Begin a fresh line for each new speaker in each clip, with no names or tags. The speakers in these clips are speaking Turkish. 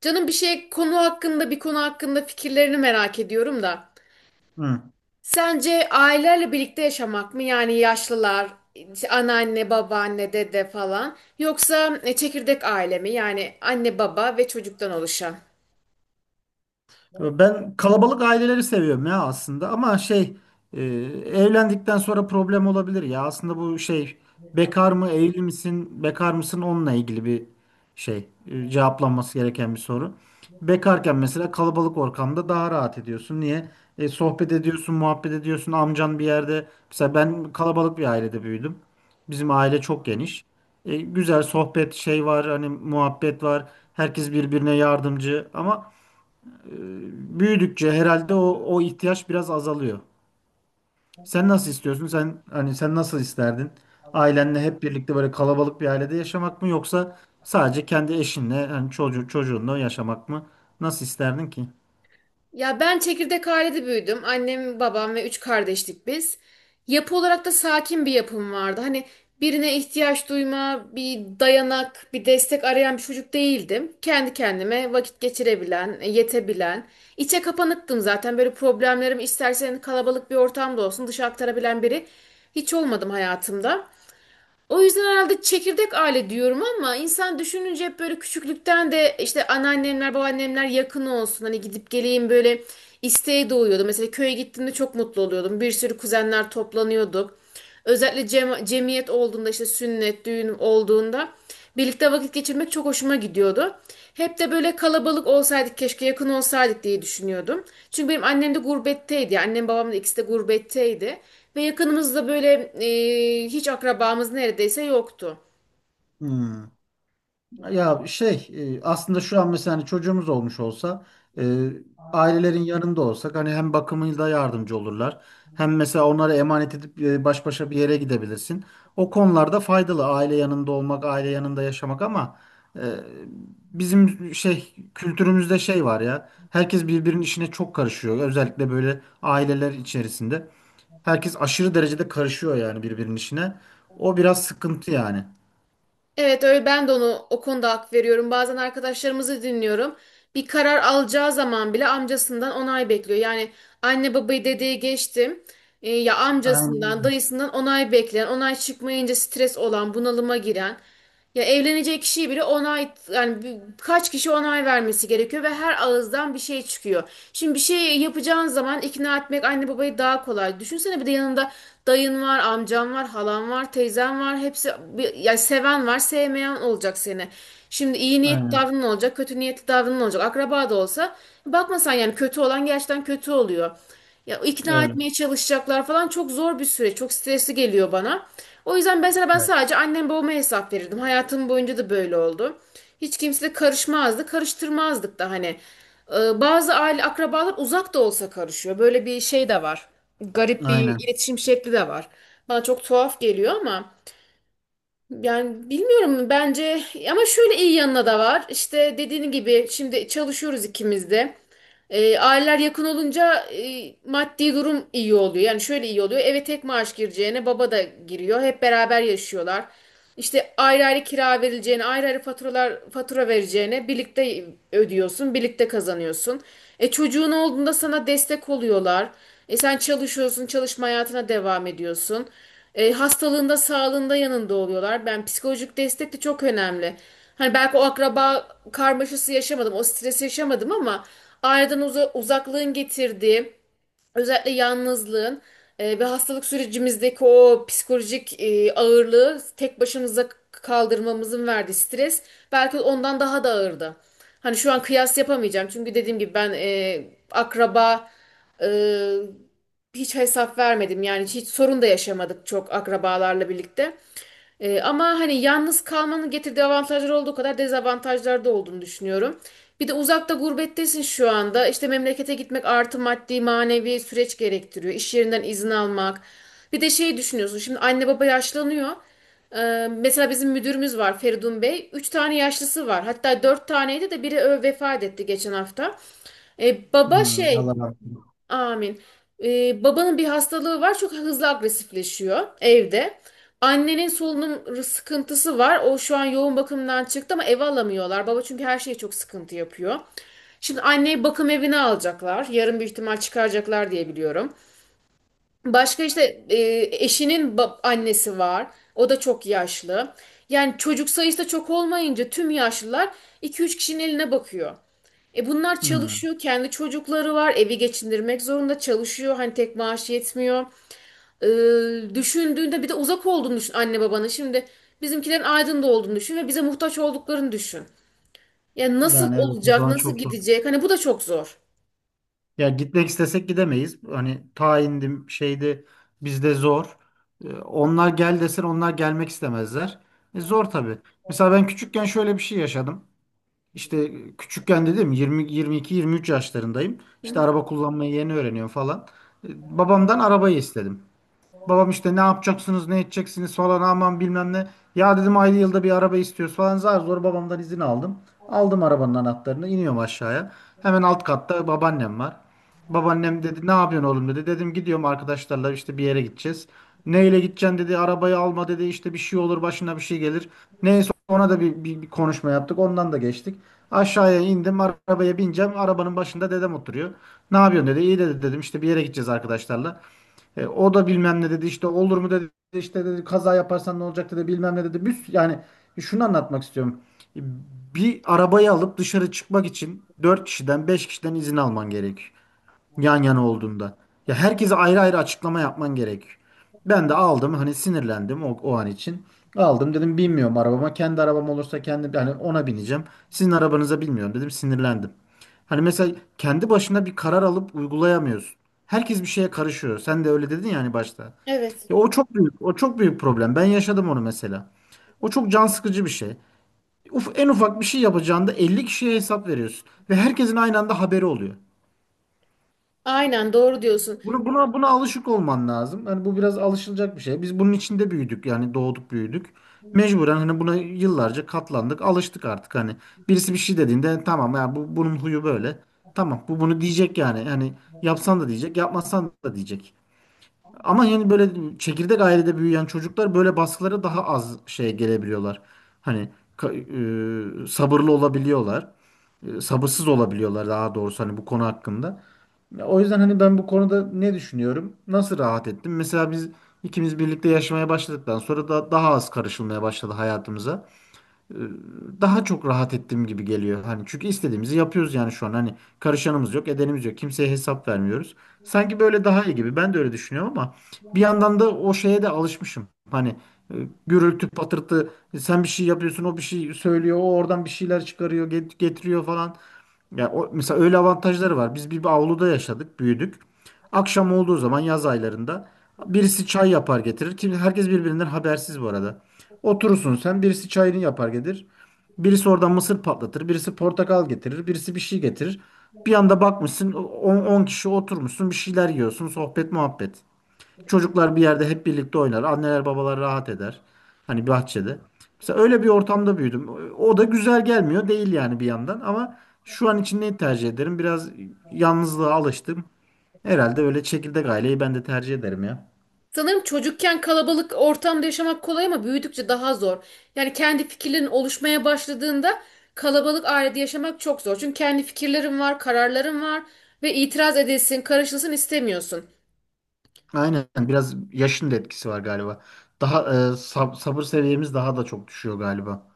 Canım bir konu hakkında fikirlerini merak ediyorum da.
Hı.
Sence ailelerle birlikte yaşamak mı? Yani yaşlılar, işte anneanne, babaanne, dede falan. Yoksa çekirdek aile mi? Yani anne, baba ve çocuktan oluşan.
Ben kalabalık aileleri seviyorum ya aslında ama şey e, evlendikten sonra problem olabilir ya aslında bu şey bekar mı evli misin bekar mısın onunla ilgili bir şey cevaplanması gereken bir soru. Bekarken mesela kalabalık ortamda daha rahat ediyorsun. Niye? Sohbet ediyorsun, muhabbet ediyorsun. Amcan bir yerde, mesela ben kalabalık bir ailede büyüdüm. Bizim aile çok geniş. Güzel sohbet şey var, hani muhabbet var. Herkes birbirine yardımcı ama e, büyüdükçe herhalde o ihtiyaç biraz azalıyor. Sen nasıl istiyorsun? Sen hani sen nasıl isterdin? Ailenle hep birlikte böyle kalabalık bir ailede yaşamak mı, yoksa sadece kendi eşinle hani çocuğunla yaşamak mı? Nasıl isterdin ki?
Ya ben çekirdek ailede büyüdüm. Annem, babam ve üç kardeştik biz. Yapı olarak da sakin bir yapım vardı. Hani birine ihtiyaç duyma, bir dayanak, bir destek arayan bir çocuk değildim. Kendi kendime vakit geçirebilen, yetebilen. İçe kapanıktım zaten. Böyle problemlerim istersen kalabalık bir ortamda olsun dışa aktarabilen biri hiç olmadım hayatımda. O yüzden herhalde çekirdek aile diyorum ama insan düşününce hep böyle küçüklükten de işte anneannemler, babaannemler yakın olsun. Hani gidip geleyim böyle isteği doğuyordu. Mesela köye gittiğimde çok mutlu oluyordum. Bir sürü kuzenler toplanıyorduk. Özellikle cemiyet olduğunda işte sünnet, düğün olduğunda birlikte vakit geçirmek çok hoşuma gidiyordu. Hep de böyle kalabalık olsaydık keşke yakın olsaydık diye düşünüyordum. Çünkü benim annem de gurbetteydi. Yani annem babam da ikisi de gurbetteydi. Ve yakınımızda böyle hiç akrabamız neredeyse yoktu.
Hmm. Ya şey aslında şu an mesela hani çocuğumuz olmuş olsa e, ailelerin yanında olsak, hani hem bakımıyla yardımcı olurlar. Hem mesela onlara emanet edip baş başa bir yere gidebilirsin. O konularda faydalı aile yanında olmak, aile yanında yaşamak, ama Ee, bizim şey kültürümüzde şey var ya. Herkes birbirinin işine çok karışıyor. Özellikle böyle aileler içerisinde. Herkes aşırı derecede karışıyor yani birbirinin işine. O biraz sıkıntı yani.
Evet öyle ben de onu o konuda hak veriyorum. Bazen arkadaşlarımızı dinliyorum. Bir karar alacağı zaman bile amcasından onay bekliyor. Yani anne babayı dedeye geçtim. Ya amcasından,
Aynen,
dayısından onay bekleyen, onay çıkmayınca stres olan, bunalıma giren. Ya evleneceği kişiyi bile onay yani kaç kişi onay vermesi gerekiyor ve her ağızdan bir şey çıkıyor. Şimdi bir şey yapacağın zaman ikna etmek anne babayı daha kolay. Düşünsene bir de yanında dayın var, amcan var, halan var, teyzen var. Hepsi yani seven var, sevmeyen olacak seni. Şimdi iyi niyetli
aynen
davranan olacak, kötü niyetli davranan olacak. Akraba da olsa bakmasan yani kötü olan gerçekten kötü oluyor. Ya ikna
öyle.
etmeye çalışacaklar falan çok zor bir süreç. Çok stresli geliyor bana. O yüzden mesela ben
Evet.
sadece annem babama hesap verirdim. Hayatım boyunca da böyle oldu. Hiç kimse de karışmazdı, karıştırmazdık da hani. Bazı aile akrabalar uzak da olsa karışıyor. Böyle bir şey de var. Garip bir
Aynen.
iletişim şekli de var. Bana çok tuhaf geliyor ama yani bilmiyorum bence ama şöyle iyi yanına da var. İşte dediğin gibi şimdi çalışıyoruz ikimiz de. Aileler yakın olunca maddi durum iyi oluyor. Yani şöyle iyi oluyor. Eve tek maaş gireceğine baba da giriyor. Hep beraber yaşıyorlar. İşte ayrı ayrı kira verileceğine, ayrı ayrı fatura vereceğine birlikte ödüyorsun, birlikte kazanıyorsun. Çocuğun olduğunda sana destek oluyorlar. Sen çalışıyorsun, çalışma hayatına devam ediyorsun. Hastalığında, sağlığında yanında oluyorlar. Ben psikolojik destek de çok önemli. Hani belki o akraba karmaşası yaşamadım, o stresi yaşamadım ama aileden uzaklığın getirdiği, özellikle yalnızlığın ve hastalık sürecimizdeki o psikolojik ağırlığı tek başımıza kaldırmamızın verdiği stres belki ondan daha da ağırdı. Hani şu an kıyas yapamayacağım çünkü dediğim gibi ben akraba e, hiç hesap vermedim yani hiç sorun da yaşamadık çok akrabalarla birlikte. Ama hani yalnız kalmanın getirdiği avantajlar olduğu kadar dezavantajlar da olduğunu düşünüyorum. Bir de uzakta gurbettesin şu anda. İşte memlekete gitmek artı maddi manevi süreç gerektiriyor. İş yerinden izin almak. Bir de şeyi düşünüyorsun. Şimdi anne baba yaşlanıyor. Mesela bizim müdürümüz var Feridun Bey. Üç tane yaşlısı var. Hatta dört taneydi de biri vefat etti geçen hafta. Baba
Hmm,
şey
Allah razı olsun.
Amin. Babanın bir hastalığı var. Çok hızlı agresifleşiyor evde. Annenin solunum sıkıntısı var. O şu an yoğun bakımdan çıktı ama eve alamıyorlar. Baba çünkü her şeye çok sıkıntı yapıyor. Şimdi anneyi bakım evine alacaklar. Yarın büyük ihtimal çıkaracaklar diye biliyorum. Başka işte eşinin annesi var. O da çok yaşlı. Yani çocuk sayısı da çok olmayınca tüm yaşlılar iki üç kişinin eline bakıyor. Bunlar
Hmm.
çalışıyor, kendi çocukları var, evi geçindirmek zorunda çalışıyor. Hani tek maaş yetmiyor. Düşündüğünde bir de uzak olduğunu düşün anne babanın. Şimdi bizimkilerin Aydın'da olduğunu düşün ve bize muhtaç olduklarını düşün. Yani nasıl
Yani evet, o
olacak,
zaman
nasıl
çok zor.
gidecek? Hani bu da çok zor.
Ya gitmek istesek gidemeyiz. Hani tayindim şeydi, bizde zor. Onlar gel desen onlar gelmek istemezler. Zor tabii. Mesela ben küçükken şöyle bir şey yaşadım. İşte küçükken dedim, 20 22 23 yaşlarındayım.
Hı
İşte
hı.
araba kullanmayı yeni öğreniyorum falan. Babamdan arabayı istedim. Babam işte ne yapacaksınız, ne edeceksiniz falan, aman bilmem ne. Ya dedim, ayda yılda bir araba istiyoruz falan, zar zor babamdan izin aldım. Aldım arabanın anahtarını, iniyorum aşağıya. Hemen alt katta babaannem var. Babaannem dedi, ne yapıyorsun oğlum dedi. Dedim, gidiyorum arkadaşlarla, işte bir yere gideceğiz. Neyle gideceksin dedi, arabayı alma dedi, işte bir şey olur, başına bir şey gelir. Neyse ona da bir konuşma yaptık, ondan da geçtik. Aşağıya indim, arabaya bineceğim, arabanın başında dedem oturuyor. Ne yapıyorsun dedi, iyi dedi, dedim işte bir yere gideceğiz arkadaşlarla. O da bilmem ne dedi, işte olur mu dedi, işte dedi kaza yaparsan ne olacak dedi, bilmem ne dedi. Yani şunu anlatmak istiyorum. E, Bir arabayı alıp dışarı çıkmak için 4 kişiden 5 kişiden izin alman gerek, yan yana olduğunda. Ya herkese ayrı ayrı açıklama yapman gerekiyor. Ben de aldım hani sinirlendim o an için. Aldım dedim bilmiyorum arabama. Kendi arabam olursa kendi, yani ona bineceğim. Sizin arabanıza bilmiyorum dedim, sinirlendim. Hani mesela kendi başına bir karar alıp uygulayamıyorsun. Herkes bir şeye karışıyor. Sen de öyle dedin ya hani başta.
Evet.
Ya o çok büyük, o çok büyük problem. Ben yaşadım onu mesela. O çok can sıkıcı bir şey. Uf, en ufak bir şey yapacağında 50 kişiye hesap veriyorsun ve herkesin aynı anda haberi oluyor.
Aynen doğru diyorsun.
Bunu buna buna alışık olman lazım. Hani bu biraz alışılacak bir şey. Biz bunun içinde büyüdük, yani doğduk büyüdük. Mecburen hani buna yıllarca katlandık, alıştık artık hani. Birisi bir şey dediğinde, "E, tamam ya, bu bunun huyu böyle. Tamam, bu bunu diyecek yani. Yani yapsan da diyecek, yapmasan da diyecek. Ama yani böyle çekirdek ailede büyüyen çocuklar böyle baskılara daha az şey gelebiliyorlar. Hani sabırlı olabiliyorlar. Sabırsız olabiliyorlar daha doğrusu, hani bu konu hakkında. O yüzden hani ben bu konuda ne düşünüyorum? Nasıl rahat ettim? Mesela biz ikimiz birlikte yaşamaya başladıktan sonra da daha az karışılmaya başladı hayatımıza. Ee, Daha çok rahat ettiğim gibi geliyor. Hani çünkü istediğimizi yapıyoruz yani şu an. Hani karışanımız yok, edenimiz yok. Kimseye hesap vermiyoruz. Sanki böyle daha iyi gibi. Ben de öyle düşünüyorum, ama bir yandan da o şeye de alışmışım. Hani e, gürültü, patırtı, sen bir şey yapıyorsun, o bir şey söylüyor, o oradan bir şeyler çıkarıyor, getiriyor falan. Ya o, mesela öyle avantajları var. Biz bir avluda yaşadık, büyüdük. Akşam olduğu zaman yaz aylarında birisi çay yapar getirir. Kim, herkes birbirinden habersiz bu arada. Oturursun sen, birisi çayını yapar getirir. Birisi oradan mısır patlatır, birisi portakal getirir, birisi bir şey getirir. Bir anda bakmışsın 10 kişi oturmuşsun, bir şeyler yiyorsun, sohbet muhabbet. Çocuklar bir yerde hep birlikte oynar. Anneler babalar rahat eder. Hani bahçede. Mesela öyle bir ortamda büyüdüm. O da güzel gelmiyor değil yani bir yandan, ama şu an için neyi tercih ederim? Biraz yalnızlığa alıştım. Herhalde öyle, çekirdek aileyi ben de tercih ederim ya.
Sanırım çocukken kalabalık ortamda yaşamak kolay ama büyüdükçe daha zor. Yani kendi fikirlerin oluşmaya başladığında kalabalık ailede yaşamak çok zor. Çünkü kendi fikirlerin var, kararların var ve itiraz edilsin, karışılsın istemiyorsun.
Aynen, biraz yaşın da etkisi var galiba. Daha sabır seviyemiz daha da çok düşüyor galiba.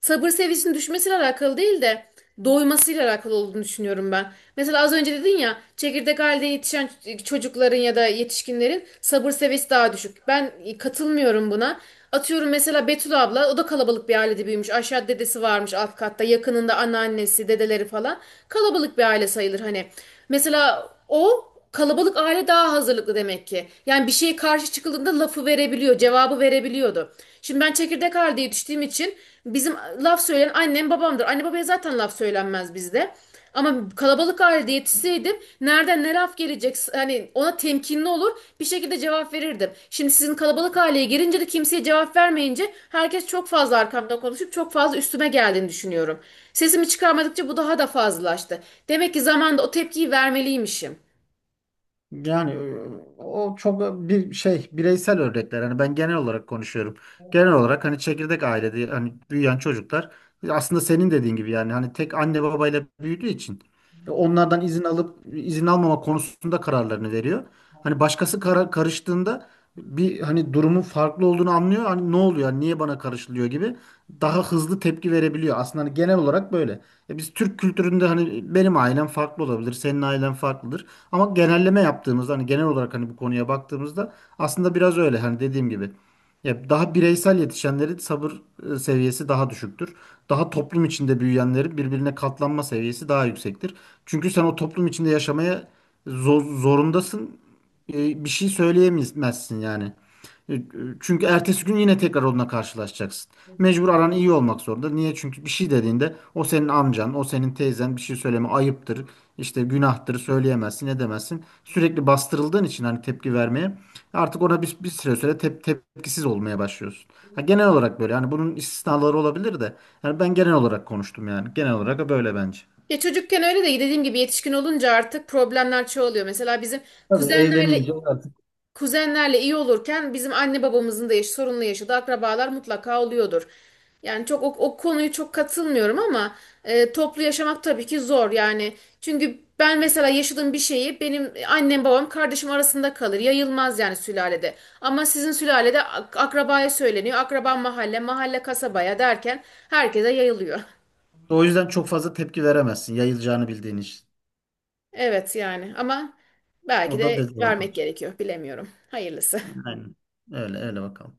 Sabır seviyesinin düşmesiyle alakalı değil de doymasıyla alakalı olduğunu düşünüyorum ben. Mesela az önce dedin ya çekirdek halde yetişen çocukların ya da yetişkinlerin sabır seviyesi daha düşük. Ben katılmıyorum buna. Atıyorum mesela Betül abla o da kalabalık bir ailede büyümüş. Aşağı dedesi varmış alt katta yakınında anneannesi dedeleri falan. Kalabalık bir aile sayılır hani. Mesela o kalabalık aile daha hazırlıklı demek ki. Yani bir şeye karşı çıkıldığında lafı verebiliyor, cevabı verebiliyordu. Şimdi ben çekirdek aileye düştüğüm için bizim laf söyleyen annem babamdır. Anne babaya zaten laf söylenmez bizde. Ama kalabalık ailede yetişseydim nereden ne laf gelecek hani ona temkinli olur bir şekilde cevap verirdim. Şimdi sizin kalabalık aileye girince de kimseye cevap vermeyince herkes çok fazla arkamda konuşup çok fazla üstüme geldiğini düşünüyorum. Sesimi çıkarmadıkça bu daha da fazlalaştı. Demek ki zamanda o tepkiyi vermeliymişim.
Yani o çok bir şey, bireysel örnekler. Hani ben genel olarak konuşuyorum. Genel olarak hani çekirdek ailede hani büyüyen çocuklar aslında senin dediğin gibi, yani hani tek anne babayla büyüdüğü için onlardan izin alıp izin almama konusunda kararlarını veriyor. Hani başkası karıştığında bir hani durumun farklı olduğunu anlıyor. Hani ne oluyor? Hani niye bana karışılıyor gibi daha hızlı tepki verebiliyor. Aslında hani genel olarak böyle. E biz Türk kültüründe hani benim ailem farklı olabilir, senin ailen farklıdır. Ama genelleme yaptığımızda hani genel olarak hani bu konuya baktığımızda aslında biraz öyle, hani dediğim gibi. Ya daha bireysel yetişenlerin sabır seviyesi daha düşüktür. Daha toplum içinde büyüyenlerin birbirine katlanma seviyesi daha yüksektir. Çünkü sen o toplum içinde yaşamaya zorundasın. Bir şey söyleyemezsin yani. E, e, Çünkü ertesi gün yine tekrar onunla karşılaşacaksın. Mecbur aran iyi olmak zorunda. Niye? Çünkü bir şey dediğinde o senin amcan, o senin teyzen, bir şey söyleme ayıptır. İşte günahtır, söyleyemezsin, edemezsin. Sürekli bastırıldığın için hani tepki vermeye artık, ona bir süre tepkisiz olmaya başlıyorsun. Ha, genel olarak böyle hani, bunun istisnaları olabilir de, yani ben genel olarak konuştum, yani genel olarak böyle bence.
Ya çocukken öyle de dediğim gibi yetişkin olunca artık problemler çoğalıyor. Mesela bizim
Tabii
kuzenlerle
evlenince artık
kuzenlerle iyi olurken bizim anne babamızın da yaş sorunlu yaşadığı akrabalar mutlaka oluyordur. Yani çok o konuyu çok katılmıyorum ama toplu yaşamak tabii ki zor yani. Çünkü ben mesela yaşadığım bir şeyi benim annem babam kardeşim arasında kalır. Yayılmaz yani sülalede. Ama sizin sülalede akrabaya söyleniyor. Akraba mahalle, mahalle kasabaya derken herkese yayılıyor.
o yüzden çok fazla tepki veremezsin, yayılacağını bildiğin için.
Evet yani ama
O
belki
da
de vermek
dezavantaj.
gerekiyor. Bilemiyorum. Hayırlısı.
Aynen. Öyle öyle bakalım.